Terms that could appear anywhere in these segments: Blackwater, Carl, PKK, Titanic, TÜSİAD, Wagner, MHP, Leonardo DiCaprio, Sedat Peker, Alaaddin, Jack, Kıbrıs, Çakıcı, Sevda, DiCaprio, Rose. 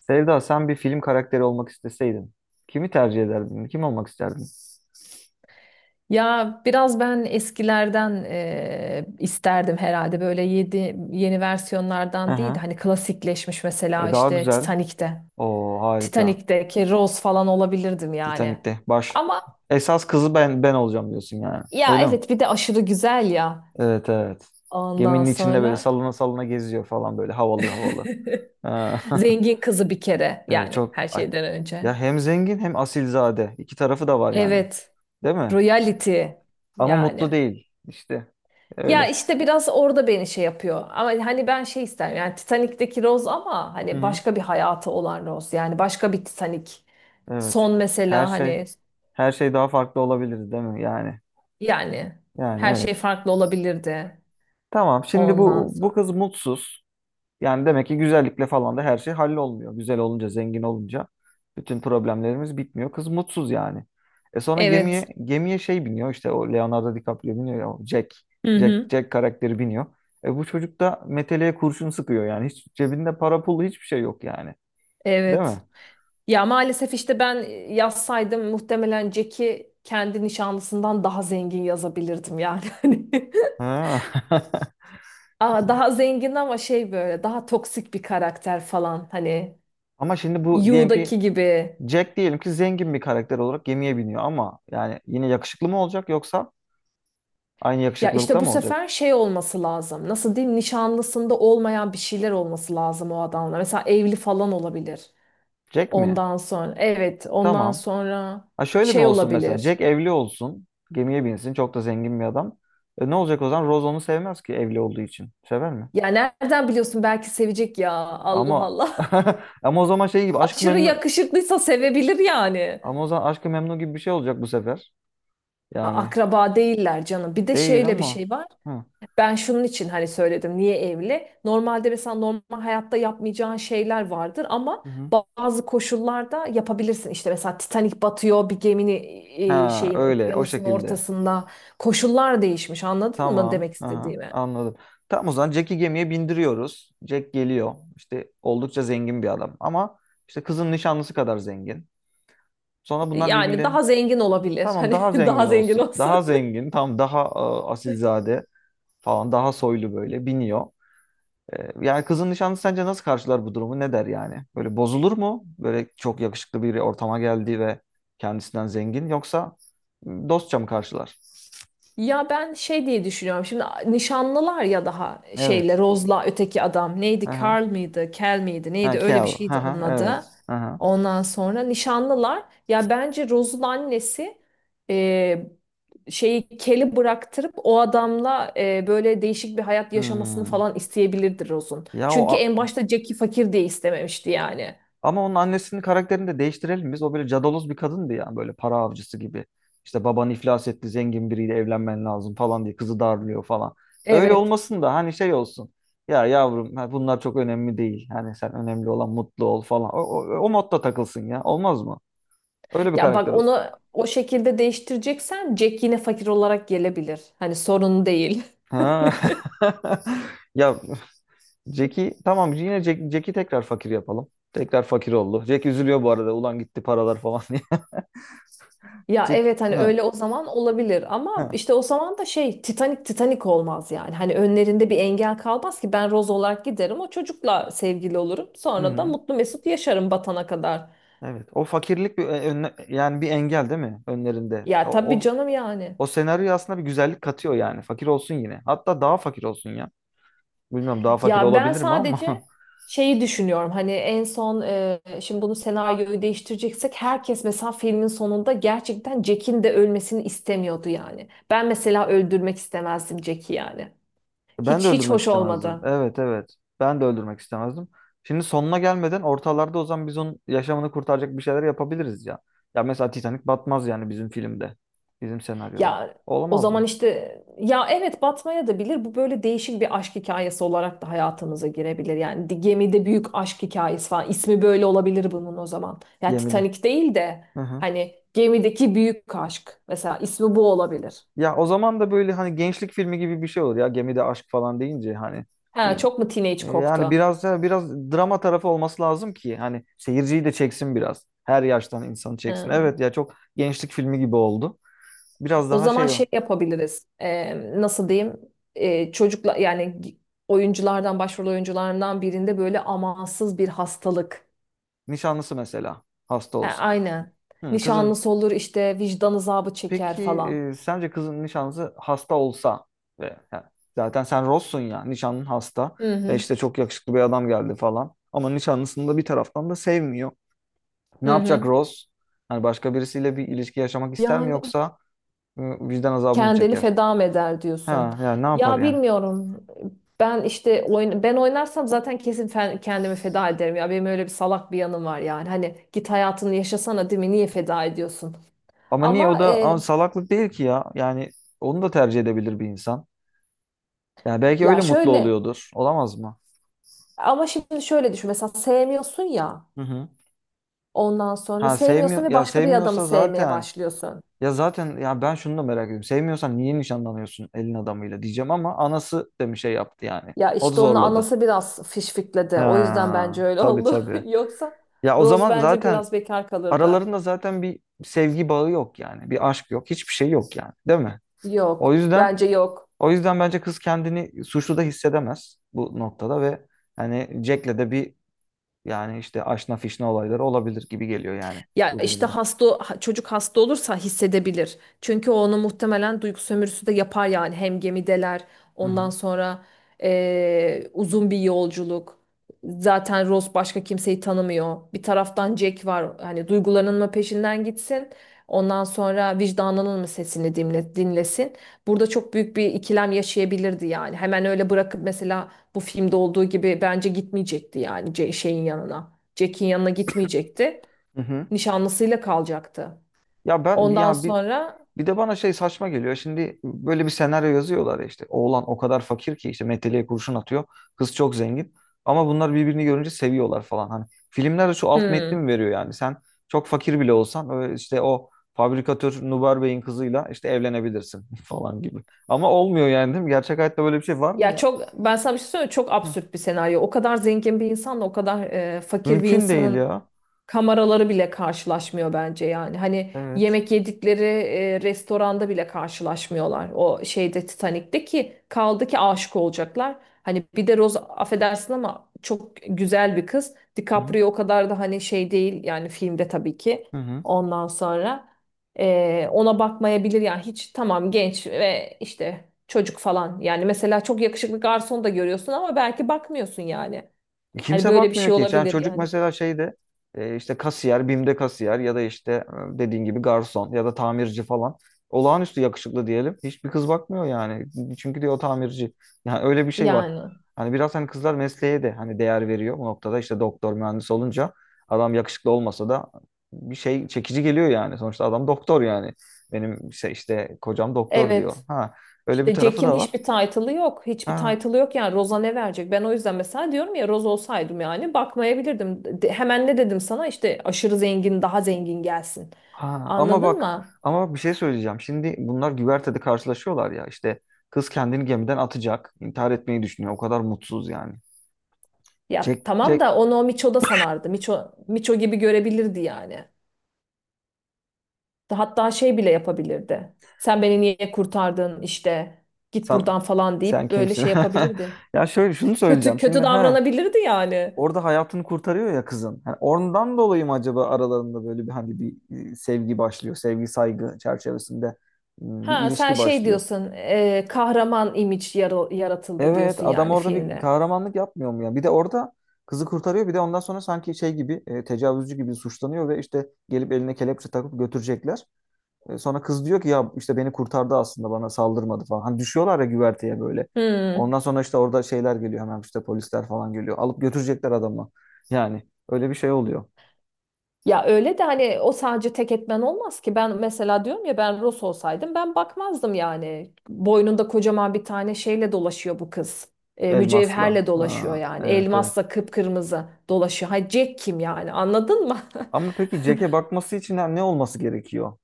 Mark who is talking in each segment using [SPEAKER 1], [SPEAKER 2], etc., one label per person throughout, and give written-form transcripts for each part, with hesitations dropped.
[SPEAKER 1] Sevda, sen bir film karakteri olmak isteseydin, kimi tercih ederdin? Kim olmak isterdin?
[SPEAKER 2] Ya biraz ben eskilerden isterdim herhalde böyle yeni versiyonlardan değil de
[SPEAKER 1] Aha,
[SPEAKER 2] hani klasikleşmiş mesela
[SPEAKER 1] daha
[SPEAKER 2] işte
[SPEAKER 1] güzel.
[SPEAKER 2] Titanic'te.
[SPEAKER 1] Oo, harika.
[SPEAKER 2] Titanic'teki Rose falan olabilirdim yani.
[SPEAKER 1] Titanik'te baş.
[SPEAKER 2] Ama
[SPEAKER 1] Esas kızı ben olacağım diyorsun yani.
[SPEAKER 2] ya
[SPEAKER 1] Öyle mi?
[SPEAKER 2] evet bir de aşırı güzel ya
[SPEAKER 1] Evet, evet.
[SPEAKER 2] ondan
[SPEAKER 1] Geminin içinde böyle
[SPEAKER 2] sonra.
[SPEAKER 1] salına salına geziyor falan, böyle havalı havalı. Ha,
[SPEAKER 2] Zengin kızı bir kere
[SPEAKER 1] evet,
[SPEAKER 2] yani
[SPEAKER 1] çok
[SPEAKER 2] her
[SPEAKER 1] ay.
[SPEAKER 2] şeyden önce.
[SPEAKER 1] Ya hem zengin hem asilzade. İki tarafı da var yani.
[SPEAKER 2] Evet,
[SPEAKER 1] Değil mi?
[SPEAKER 2] royalty
[SPEAKER 1] Ama mutlu
[SPEAKER 2] yani.
[SPEAKER 1] değil. İşte
[SPEAKER 2] Ya
[SPEAKER 1] öyle.
[SPEAKER 2] işte biraz orada beni şey yapıyor. Ama hani ben şey isterim yani Titanik'teki Rose ama
[SPEAKER 1] Hı
[SPEAKER 2] hani
[SPEAKER 1] hı.
[SPEAKER 2] başka bir hayatı olan Rose. Yani başka bir Titanik.
[SPEAKER 1] Evet.
[SPEAKER 2] Son
[SPEAKER 1] Her
[SPEAKER 2] mesela
[SPEAKER 1] şey
[SPEAKER 2] hani
[SPEAKER 1] her şey daha farklı olabilir değil mi yani?
[SPEAKER 2] yani
[SPEAKER 1] Yani
[SPEAKER 2] her şey
[SPEAKER 1] evet.
[SPEAKER 2] farklı olabilirdi
[SPEAKER 1] Tamam. Şimdi
[SPEAKER 2] ondan
[SPEAKER 1] bu
[SPEAKER 2] sonra.
[SPEAKER 1] kız mutsuz. Yani demek ki güzellikle falan da her şey hallolmuyor. Güzel olunca, zengin olunca bütün problemlerimiz bitmiyor. Kız mutsuz yani. E sonra gemiye
[SPEAKER 2] Evet.
[SPEAKER 1] şey biniyor, işte o Leonardo DiCaprio biniyor ya, o Jack.
[SPEAKER 2] Hı
[SPEAKER 1] Jack
[SPEAKER 2] hı.
[SPEAKER 1] Jack karakteri biniyor. E bu çocuk da meteleye kurşun sıkıyor yani. Hiç cebinde para pulu hiçbir şey yok yani. Değil
[SPEAKER 2] Evet.
[SPEAKER 1] mi?
[SPEAKER 2] Ya maalesef işte ben yazsaydım muhtemelen Jack'i kendi nişanlısından daha zengin yazabilirdim yani. Hani
[SPEAKER 1] Ha.
[SPEAKER 2] Aa, daha zengin ama şey böyle daha toksik bir karakter falan hani
[SPEAKER 1] Ama şimdi bu diyelim ki
[SPEAKER 2] Yu'daki gibi.
[SPEAKER 1] Jack diyelim ki zengin bir karakter olarak gemiye biniyor, ama yani yine yakışıklı mı olacak yoksa aynı
[SPEAKER 2] Ya işte
[SPEAKER 1] yakışıklılıkta
[SPEAKER 2] bu
[SPEAKER 1] mı olacak?
[SPEAKER 2] sefer şey olması lazım. Nasıl diyeyim? Nişanlısında olmayan bir şeyler olması lazım o adamla. Mesela evli falan olabilir.
[SPEAKER 1] Jack mi?
[SPEAKER 2] Ondan sonra evet, ondan
[SPEAKER 1] Tamam.
[SPEAKER 2] sonra
[SPEAKER 1] Ha, şöyle mi
[SPEAKER 2] şey
[SPEAKER 1] olsun mesela?
[SPEAKER 2] olabilir.
[SPEAKER 1] Jack evli olsun. Gemiye binsin. Çok da zengin bir adam. E, ne olacak o zaman? Rose onu sevmez ki evli olduğu için. Sever mi?
[SPEAKER 2] Ya nereden biliyorsun belki sevecek ya. Allah
[SPEAKER 1] Ama
[SPEAKER 2] Allah.
[SPEAKER 1] ama o zaman şey gibi, aşkı
[SPEAKER 2] Aşırı
[SPEAKER 1] memnu,
[SPEAKER 2] yakışıklıysa sevebilir yani.
[SPEAKER 1] ama o zaman aşkı memnu gibi bir şey olacak bu sefer. Yani
[SPEAKER 2] Akraba değiller canım. Bir de
[SPEAKER 1] değil
[SPEAKER 2] şeyle bir
[SPEAKER 1] ama.
[SPEAKER 2] şey var.
[SPEAKER 1] Hı.
[SPEAKER 2] Ben şunun için hani söyledim niye evli? Normalde mesela normal hayatta yapmayacağın şeyler vardır ama
[SPEAKER 1] Hı hı.
[SPEAKER 2] bazı koşullarda yapabilirsin. İşte mesela Titanic batıyor bir gemini
[SPEAKER 1] Ha,
[SPEAKER 2] şeyin
[SPEAKER 1] öyle, o
[SPEAKER 2] okyanusun
[SPEAKER 1] şekilde.
[SPEAKER 2] ortasında koşullar değişmiş anladın mı
[SPEAKER 1] Tamam.
[SPEAKER 2] demek
[SPEAKER 1] Aha,
[SPEAKER 2] istediğimi?
[SPEAKER 1] anladım. Tamam, o zaman Jack'i gemiye bindiriyoruz. Jack geliyor. İşte oldukça zengin bir adam. Ama işte kızın nişanlısı kadar zengin. Sonra bunlar
[SPEAKER 2] Yani daha
[SPEAKER 1] birbirlerinin,
[SPEAKER 2] zengin olabilir.
[SPEAKER 1] tamam
[SPEAKER 2] Hani
[SPEAKER 1] daha zengin
[SPEAKER 2] daha zengin
[SPEAKER 1] olsun. Daha
[SPEAKER 2] olsun.
[SPEAKER 1] zengin, tam daha asilzade falan, daha soylu, böyle biniyor. E, yani kızın nişanlısı sence nasıl karşılar bu durumu? Ne der yani? Böyle bozulur mu? Böyle çok yakışıklı bir ortama geldi ve kendisinden zengin, yoksa dostça mı karşılar?
[SPEAKER 2] Ya ben şey diye düşünüyorum. Şimdi nişanlılar ya daha şeyle
[SPEAKER 1] Evet.
[SPEAKER 2] Rose'la öteki adam neydi?
[SPEAKER 1] Aha.
[SPEAKER 2] Carl mıydı? Kel miydi?
[SPEAKER 1] Ha,
[SPEAKER 2] Neydi? Öyle bir
[SPEAKER 1] Kel.
[SPEAKER 2] şeydi
[SPEAKER 1] Aha,
[SPEAKER 2] onun
[SPEAKER 1] evet.
[SPEAKER 2] adı.
[SPEAKER 1] Aha.
[SPEAKER 2] Ondan sonra nişanlılar. Ya bence Rose'un annesi e, şeyi Kel'i bıraktırıp o adamla böyle değişik bir hayat yaşamasını
[SPEAKER 1] Hmm.
[SPEAKER 2] falan isteyebilirdi Rose'un.
[SPEAKER 1] Ya o
[SPEAKER 2] Çünkü en
[SPEAKER 1] a-,
[SPEAKER 2] başta Jack'i fakir diye istememişti yani.
[SPEAKER 1] ama onun annesinin karakterini de değiştirelim biz. O böyle cadaloz bir kadındı ya, böyle para avcısı gibi. İşte, baban iflas etti, zengin biriyle evlenmen lazım falan diye kızı darlıyor falan. Öyle
[SPEAKER 2] Evet.
[SPEAKER 1] olmasın da hani şey olsun. Ya yavrum, ha, bunlar çok önemli değil. Hani sen, önemli olan mutlu ol falan. O, o, o modda takılsın ya. Olmaz mı? Öyle bir
[SPEAKER 2] Ya
[SPEAKER 1] karakter
[SPEAKER 2] bak
[SPEAKER 1] olsun.
[SPEAKER 2] onu o şekilde değiştireceksen Jack yine fakir olarak gelebilir. Hani sorun değil.
[SPEAKER 1] Ha. Ya Jack'i, tamam yine Jack, Jack'i tekrar fakir yapalım. Tekrar fakir oldu. Jack üzülüyor bu arada. Ulan gitti paralar falan diye.
[SPEAKER 2] Ya
[SPEAKER 1] Jack.
[SPEAKER 2] evet hani
[SPEAKER 1] Ha.
[SPEAKER 2] öyle o zaman olabilir ama
[SPEAKER 1] Ha.
[SPEAKER 2] işte o zaman da şey Titanic olmaz yani. Hani önlerinde bir engel kalmaz ki ben Rose olarak giderim o çocukla sevgili olurum.
[SPEAKER 1] Hı
[SPEAKER 2] Sonra da
[SPEAKER 1] hı.
[SPEAKER 2] mutlu mesut yaşarım batana kadar.
[SPEAKER 1] Evet. O fakirlik bir önle-, yani bir engel değil mi önlerinde?
[SPEAKER 2] Ya
[SPEAKER 1] O,
[SPEAKER 2] tabii
[SPEAKER 1] o,
[SPEAKER 2] canım yani.
[SPEAKER 1] o senaryo aslında bir güzellik katıyor yani. Fakir olsun yine. Hatta daha fakir olsun ya. Bilmiyorum daha fakir
[SPEAKER 2] Ya ben
[SPEAKER 1] olabilir mi ama
[SPEAKER 2] sadece şeyi düşünüyorum hani en son şimdi bunu senaryoyu değiştireceksek herkes mesela filmin sonunda gerçekten Jack'in de ölmesini istemiyordu yani. Ben mesela öldürmek istemezdim Jack'i yani.
[SPEAKER 1] ben de
[SPEAKER 2] Hiç hiç
[SPEAKER 1] öldürmek
[SPEAKER 2] hoş
[SPEAKER 1] istemezdim.
[SPEAKER 2] olmadı.
[SPEAKER 1] Evet, evet. Ben de öldürmek istemezdim. Şimdi sonuna gelmeden ortalarda, o zaman biz onun yaşamını kurtaracak bir şeyler yapabiliriz ya. Ya mesela Titanic batmaz yani bizim filmde. Bizim senaryoda.
[SPEAKER 2] Ya o
[SPEAKER 1] Olamaz
[SPEAKER 2] zaman
[SPEAKER 1] mı?
[SPEAKER 2] işte ya evet batmaya da bilir. Bu böyle değişik bir aşk hikayesi olarak da hayatımıza girebilir. Yani gemide büyük aşk hikayesi falan. İsmi böyle olabilir bunun o zaman. Ya
[SPEAKER 1] Gemide.
[SPEAKER 2] Titanic değil de
[SPEAKER 1] Hı hı.
[SPEAKER 2] hani gemideki büyük aşk. Mesela ismi bu olabilir.
[SPEAKER 1] Ya o zaman da böyle hani gençlik filmi gibi bir şey olur ya. Gemide aşk falan deyince hani,
[SPEAKER 2] Ha, çok mu teenage
[SPEAKER 1] Yani
[SPEAKER 2] koktu?
[SPEAKER 1] biraz da biraz drama tarafı olması lazım ki hani seyirciyi de çeksin biraz. Her yaştan insanı çeksin.
[SPEAKER 2] Ha.
[SPEAKER 1] Evet ya, çok gençlik filmi gibi oldu. Biraz
[SPEAKER 2] O
[SPEAKER 1] daha
[SPEAKER 2] zaman
[SPEAKER 1] şey o.
[SPEAKER 2] şey yapabiliriz. Nasıl diyeyim? Çocukla yani oyunculardan başrol oyuncularından birinde böyle amansız bir hastalık.
[SPEAKER 1] Nişanlısı mesela hasta
[SPEAKER 2] He,
[SPEAKER 1] olsun.
[SPEAKER 2] aynen.
[SPEAKER 1] Hı, kızın,
[SPEAKER 2] Nişanlısı olur işte vicdan azabı çeker
[SPEAKER 1] peki
[SPEAKER 2] falan.
[SPEAKER 1] sence kızın nişanlısı hasta olsa ve ha, zaten sen Ross'sun ya, nişanlın hasta
[SPEAKER 2] Hı
[SPEAKER 1] ve
[SPEAKER 2] hı.
[SPEAKER 1] işte çok yakışıklı bir adam geldi falan. Ama nişanlısını da bir taraftan da sevmiyor. Ne
[SPEAKER 2] Hı
[SPEAKER 1] yapacak
[SPEAKER 2] hı.
[SPEAKER 1] Ross? Hani başka birisiyle bir ilişki yaşamak ister mi,
[SPEAKER 2] Yani
[SPEAKER 1] yoksa vicdan azabı mı
[SPEAKER 2] kendini
[SPEAKER 1] çeker?
[SPEAKER 2] feda mı eder diyorsun.
[SPEAKER 1] Ha yani, ne yapar
[SPEAKER 2] Ya
[SPEAKER 1] yani?
[SPEAKER 2] bilmiyorum. Ben işte ben oynarsam zaten kesin kendimi feda ederim ya. Benim öyle bir salak bir yanım var yani. Hani git hayatını yaşasana değil mi? Niye feda ediyorsun?
[SPEAKER 1] Ama niye o
[SPEAKER 2] Ama
[SPEAKER 1] da,
[SPEAKER 2] e,
[SPEAKER 1] ama salaklık değil ki ya. Yani onu da tercih edebilir bir insan. Yani belki
[SPEAKER 2] ya
[SPEAKER 1] öyle mutlu
[SPEAKER 2] şöyle
[SPEAKER 1] oluyordur. Olamaz mı?
[SPEAKER 2] Ama şimdi şöyle düşün. Mesela sevmiyorsun ya.
[SPEAKER 1] Hı hı.
[SPEAKER 2] Ondan sonra
[SPEAKER 1] Ha,
[SPEAKER 2] sevmiyorsun
[SPEAKER 1] sevmiyor
[SPEAKER 2] ve
[SPEAKER 1] ya,
[SPEAKER 2] başka bir adamı
[SPEAKER 1] sevmiyorsa
[SPEAKER 2] sevmeye
[SPEAKER 1] zaten,
[SPEAKER 2] başlıyorsun.
[SPEAKER 1] ya zaten ya, ben şunu da merak ediyorum. Sevmiyorsan niye nişanlanıyorsun elin adamıyla diyeceğim, ama anası da bir şey yaptı yani.
[SPEAKER 2] Ya
[SPEAKER 1] O da
[SPEAKER 2] işte onu
[SPEAKER 1] zorladı.
[SPEAKER 2] anası biraz fişfikledi. O yüzden bence
[SPEAKER 1] Ha,
[SPEAKER 2] öyle
[SPEAKER 1] tabii
[SPEAKER 2] oldu.
[SPEAKER 1] tabii.
[SPEAKER 2] Yoksa
[SPEAKER 1] Ya o
[SPEAKER 2] Rose
[SPEAKER 1] zaman
[SPEAKER 2] bence
[SPEAKER 1] zaten
[SPEAKER 2] biraz bekar kalırdı.
[SPEAKER 1] aralarında zaten bir sevgi bağı yok yani. Bir aşk yok. Hiçbir şey yok yani. Değil mi? O
[SPEAKER 2] Yok.
[SPEAKER 1] yüzden,
[SPEAKER 2] Bence yok.
[SPEAKER 1] o yüzden bence kız kendini suçlu da hissedemez bu noktada ve hani Jack'le de bir, yani işte aşna fişne olayları olabilir gibi geliyor yani
[SPEAKER 2] Ya
[SPEAKER 1] bu
[SPEAKER 2] işte
[SPEAKER 1] durumda.
[SPEAKER 2] çocuk hasta olursa hissedebilir. Çünkü o onu muhtemelen duygu sömürüsü de yapar yani hem gemideler
[SPEAKER 1] Hı hı.
[SPEAKER 2] ondan sonra uzun bir yolculuk. Zaten Ross başka kimseyi tanımıyor. Bir taraftan Jack var. Hani duygularının mı peşinden gitsin? Ondan sonra vicdanının mı sesini dinlesin? Burada çok büyük bir ikilem yaşayabilirdi yani. Hemen öyle bırakıp mesela bu filmde olduğu gibi bence gitmeyecekti yani şeyin yanına. Jack'in yanına gitmeyecekti
[SPEAKER 1] Hı hı.
[SPEAKER 2] nişanlısıyla kalacaktı.
[SPEAKER 1] Ya ben
[SPEAKER 2] Ondan
[SPEAKER 1] ya bir
[SPEAKER 2] sonra
[SPEAKER 1] bir de bana şey saçma geliyor. Şimdi böyle bir senaryo yazıyorlar ya işte. Oğlan o kadar fakir ki işte meteliğe kurşun atıyor. Kız çok zengin. Ama bunlar birbirini görünce seviyorlar falan. Hani filmlerde şu alt metni
[SPEAKER 2] hmm,
[SPEAKER 1] mi veriyor yani? Sen çok fakir bile olsan öyle işte, o fabrikatör Nubar Bey'in kızıyla işte evlenebilirsin falan gibi. Ama olmuyor yani değil mi? Gerçek hayatta böyle bir şey var mı
[SPEAKER 2] ya
[SPEAKER 1] ya?
[SPEAKER 2] çok ben sana bir şey söyleyeyim mi? Çok
[SPEAKER 1] Hı.
[SPEAKER 2] absürt bir senaryo. O kadar zengin bir insanla o kadar fakir bir
[SPEAKER 1] Mümkün değil
[SPEAKER 2] insanın
[SPEAKER 1] ya.
[SPEAKER 2] kameraları bile karşılaşmıyor bence yani. Hani
[SPEAKER 1] Evet.
[SPEAKER 2] yemek yedikleri restoranda bile karşılaşmıyorlar. O şeyde Titanik'te ki kaldı ki aşık olacaklar. Hani bir de Rose affedersin ama çok güzel bir kız.
[SPEAKER 1] Hı hı.
[SPEAKER 2] DiCaprio o kadar da hani şey değil yani filmde tabii ki.
[SPEAKER 1] Hı hı.
[SPEAKER 2] Ondan sonra ona bakmayabilir yani hiç tamam genç ve işte çocuk falan. Yani mesela çok yakışıklı garson da görüyorsun ama belki bakmıyorsun yani. Hani
[SPEAKER 1] Kimse
[SPEAKER 2] böyle bir
[SPEAKER 1] bakmıyor
[SPEAKER 2] şey
[SPEAKER 1] ki. Yani
[SPEAKER 2] olabilir
[SPEAKER 1] çocuk
[SPEAKER 2] yani.
[SPEAKER 1] mesela şeyde, işte kasiyer, BİM'de kasiyer ya da işte dediğin gibi garson ya da tamirci falan. Olağanüstü yakışıklı diyelim. Hiçbir kız bakmıyor yani. Çünkü diyor o tamirci. Yani öyle bir şey var.
[SPEAKER 2] Yani.
[SPEAKER 1] Hani biraz hani kızlar mesleğe de hani değer veriyor bu noktada. İşte doktor, mühendis olunca adam yakışıklı olmasa da bir şey çekici geliyor yani. Sonuçta adam doktor yani. Benim işte, işte kocam doktor diyor.
[SPEAKER 2] Evet.
[SPEAKER 1] Ha, öyle bir
[SPEAKER 2] İşte
[SPEAKER 1] tarafı
[SPEAKER 2] Jack'in
[SPEAKER 1] da var.
[SPEAKER 2] hiçbir title'ı yok. Hiçbir
[SPEAKER 1] Ha.
[SPEAKER 2] title'ı yok yani. Roza ne verecek? Ben o yüzden mesela diyorum ya Roz olsaydım yani bakmayabilirdim. Hemen ne dedim sana? İşte aşırı zengin daha zengin gelsin.
[SPEAKER 1] Ha, ama
[SPEAKER 2] Anladın
[SPEAKER 1] bak,
[SPEAKER 2] mı?
[SPEAKER 1] ama bak bir şey söyleyeceğim. Şimdi bunlar güvertede karşılaşıyorlar ya işte, kız kendini gemiden atacak. İntihar etmeyi düşünüyor. O kadar mutsuz yani.
[SPEAKER 2] Ya
[SPEAKER 1] Jack,
[SPEAKER 2] tamam
[SPEAKER 1] Jack
[SPEAKER 2] da onu o Miço da sanardı. Miço gibi görebilirdi yani. Hatta şey bile yapabilirdi. Sen beni niye kurtardın işte git
[SPEAKER 1] sen,
[SPEAKER 2] buradan falan
[SPEAKER 1] sen
[SPEAKER 2] deyip böyle
[SPEAKER 1] kimsin?
[SPEAKER 2] şey yapabilirdi.
[SPEAKER 1] Ya şöyle şunu
[SPEAKER 2] Kötü
[SPEAKER 1] söyleyeceğim. Şimdi
[SPEAKER 2] kötü
[SPEAKER 1] ha,
[SPEAKER 2] davranabilirdi yani.
[SPEAKER 1] orada hayatını kurtarıyor ya kızın. Yani oradan dolayı mı acaba aralarında böyle bir hani bir sevgi başlıyor. Sevgi saygı çerçevesinde bir
[SPEAKER 2] Ha sen
[SPEAKER 1] ilişki
[SPEAKER 2] şey
[SPEAKER 1] başlıyor.
[SPEAKER 2] diyorsun kahraman imaj yaratıldı
[SPEAKER 1] Evet,
[SPEAKER 2] diyorsun
[SPEAKER 1] adam
[SPEAKER 2] yani
[SPEAKER 1] orada bir
[SPEAKER 2] filmle.
[SPEAKER 1] kahramanlık yapmıyor mu ya? Bir de orada kızı kurtarıyor, bir de ondan sonra sanki şey gibi tecavüzcü gibi suçlanıyor ve işte gelip eline kelepçe takıp götürecekler. E, sonra kız diyor ki ya işte beni kurtardı, aslında bana saldırmadı falan. Hani düşüyorlar ya güverteye böyle. Ondan
[SPEAKER 2] Hmm.
[SPEAKER 1] sonra işte orada şeyler geliyor, hemen işte polisler falan geliyor. Alıp götürecekler adamı. Yani öyle bir şey oluyor.
[SPEAKER 2] Ya öyle de hani o sadece tek etmen olmaz ki. Ben mesela diyorum ya ben Ross olsaydım ben bakmazdım yani. Boynunda kocaman bir tane şeyle dolaşıyor bu kız.
[SPEAKER 1] Elmasla.
[SPEAKER 2] Mücevherle dolaşıyor
[SPEAKER 1] Ha,
[SPEAKER 2] yani.
[SPEAKER 1] evet evet.
[SPEAKER 2] Elmasla kıpkırmızı dolaşıyor. Ha Jack kim yani anladın mı?
[SPEAKER 1] Ama peki Jack'e bakması için ne olması gerekiyor?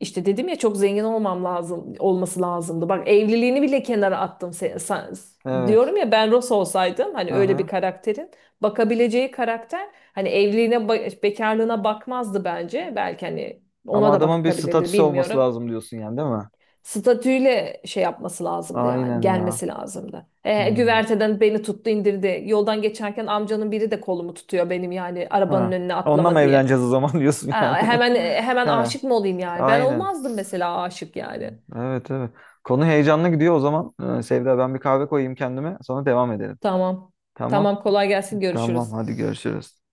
[SPEAKER 2] İşte dedim ya çok zengin olmam lazım olması lazımdı. Bak evliliğini bile kenara attım.
[SPEAKER 1] Evet.
[SPEAKER 2] Diyorum ya ben Ross olsaydım hani
[SPEAKER 1] Hı
[SPEAKER 2] öyle bir
[SPEAKER 1] hı.
[SPEAKER 2] karakterin bakabileceği karakter hani evliliğine bekarlığına bakmazdı bence. Belki hani
[SPEAKER 1] Ama
[SPEAKER 2] ona da
[SPEAKER 1] adamın bir
[SPEAKER 2] bakabilirdi
[SPEAKER 1] statüsü olması
[SPEAKER 2] bilmiyorum.
[SPEAKER 1] lazım diyorsun yani değil mi?
[SPEAKER 2] Statüyle şey yapması lazımdı yani
[SPEAKER 1] Aynen ya.
[SPEAKER 2] gelmesi lazımdı. E,
[SPEAKER 1] Hmm.
[SPEAKER 2] güverteden beni tuttu indirdi. Yoldan geçerken amcanın biri de kolumu tutuyor benim yani arabanın
[SPEAKER 1] Ha.
[SPEAKER 2] önüne
[SPEAKER 1] Onunla mı
[SPEAKER 2] atlama diye.
[SPEAKER 1] evleneceğiz o zaman diyorsun yani.
[SPEAKER 2] Aa, hemen hemen
[SPEAKER 1] He.
[SPEAKER 2] aşık mı olayım yani? Ben
[SPEAKER 1] Aynen.
[SPEAKER 2] olmazdım mesela aşık yani.
[SPEAKER 1] Evet, evet. Konu heyecanlı gidiyor o zaman. Sevda, ben bir kahve koyayım kendime, sonra devam edelim.
[SPEAKER 2] Tamam.
[SPEAKER 1] Tamam.
[SPEAKER 2] Tamam kolay gelsin
[SPEAKER 1] Tamam,
[SPEAKER 2] görüşürüz.
[SPEAKER 1] hadi görüşürüz.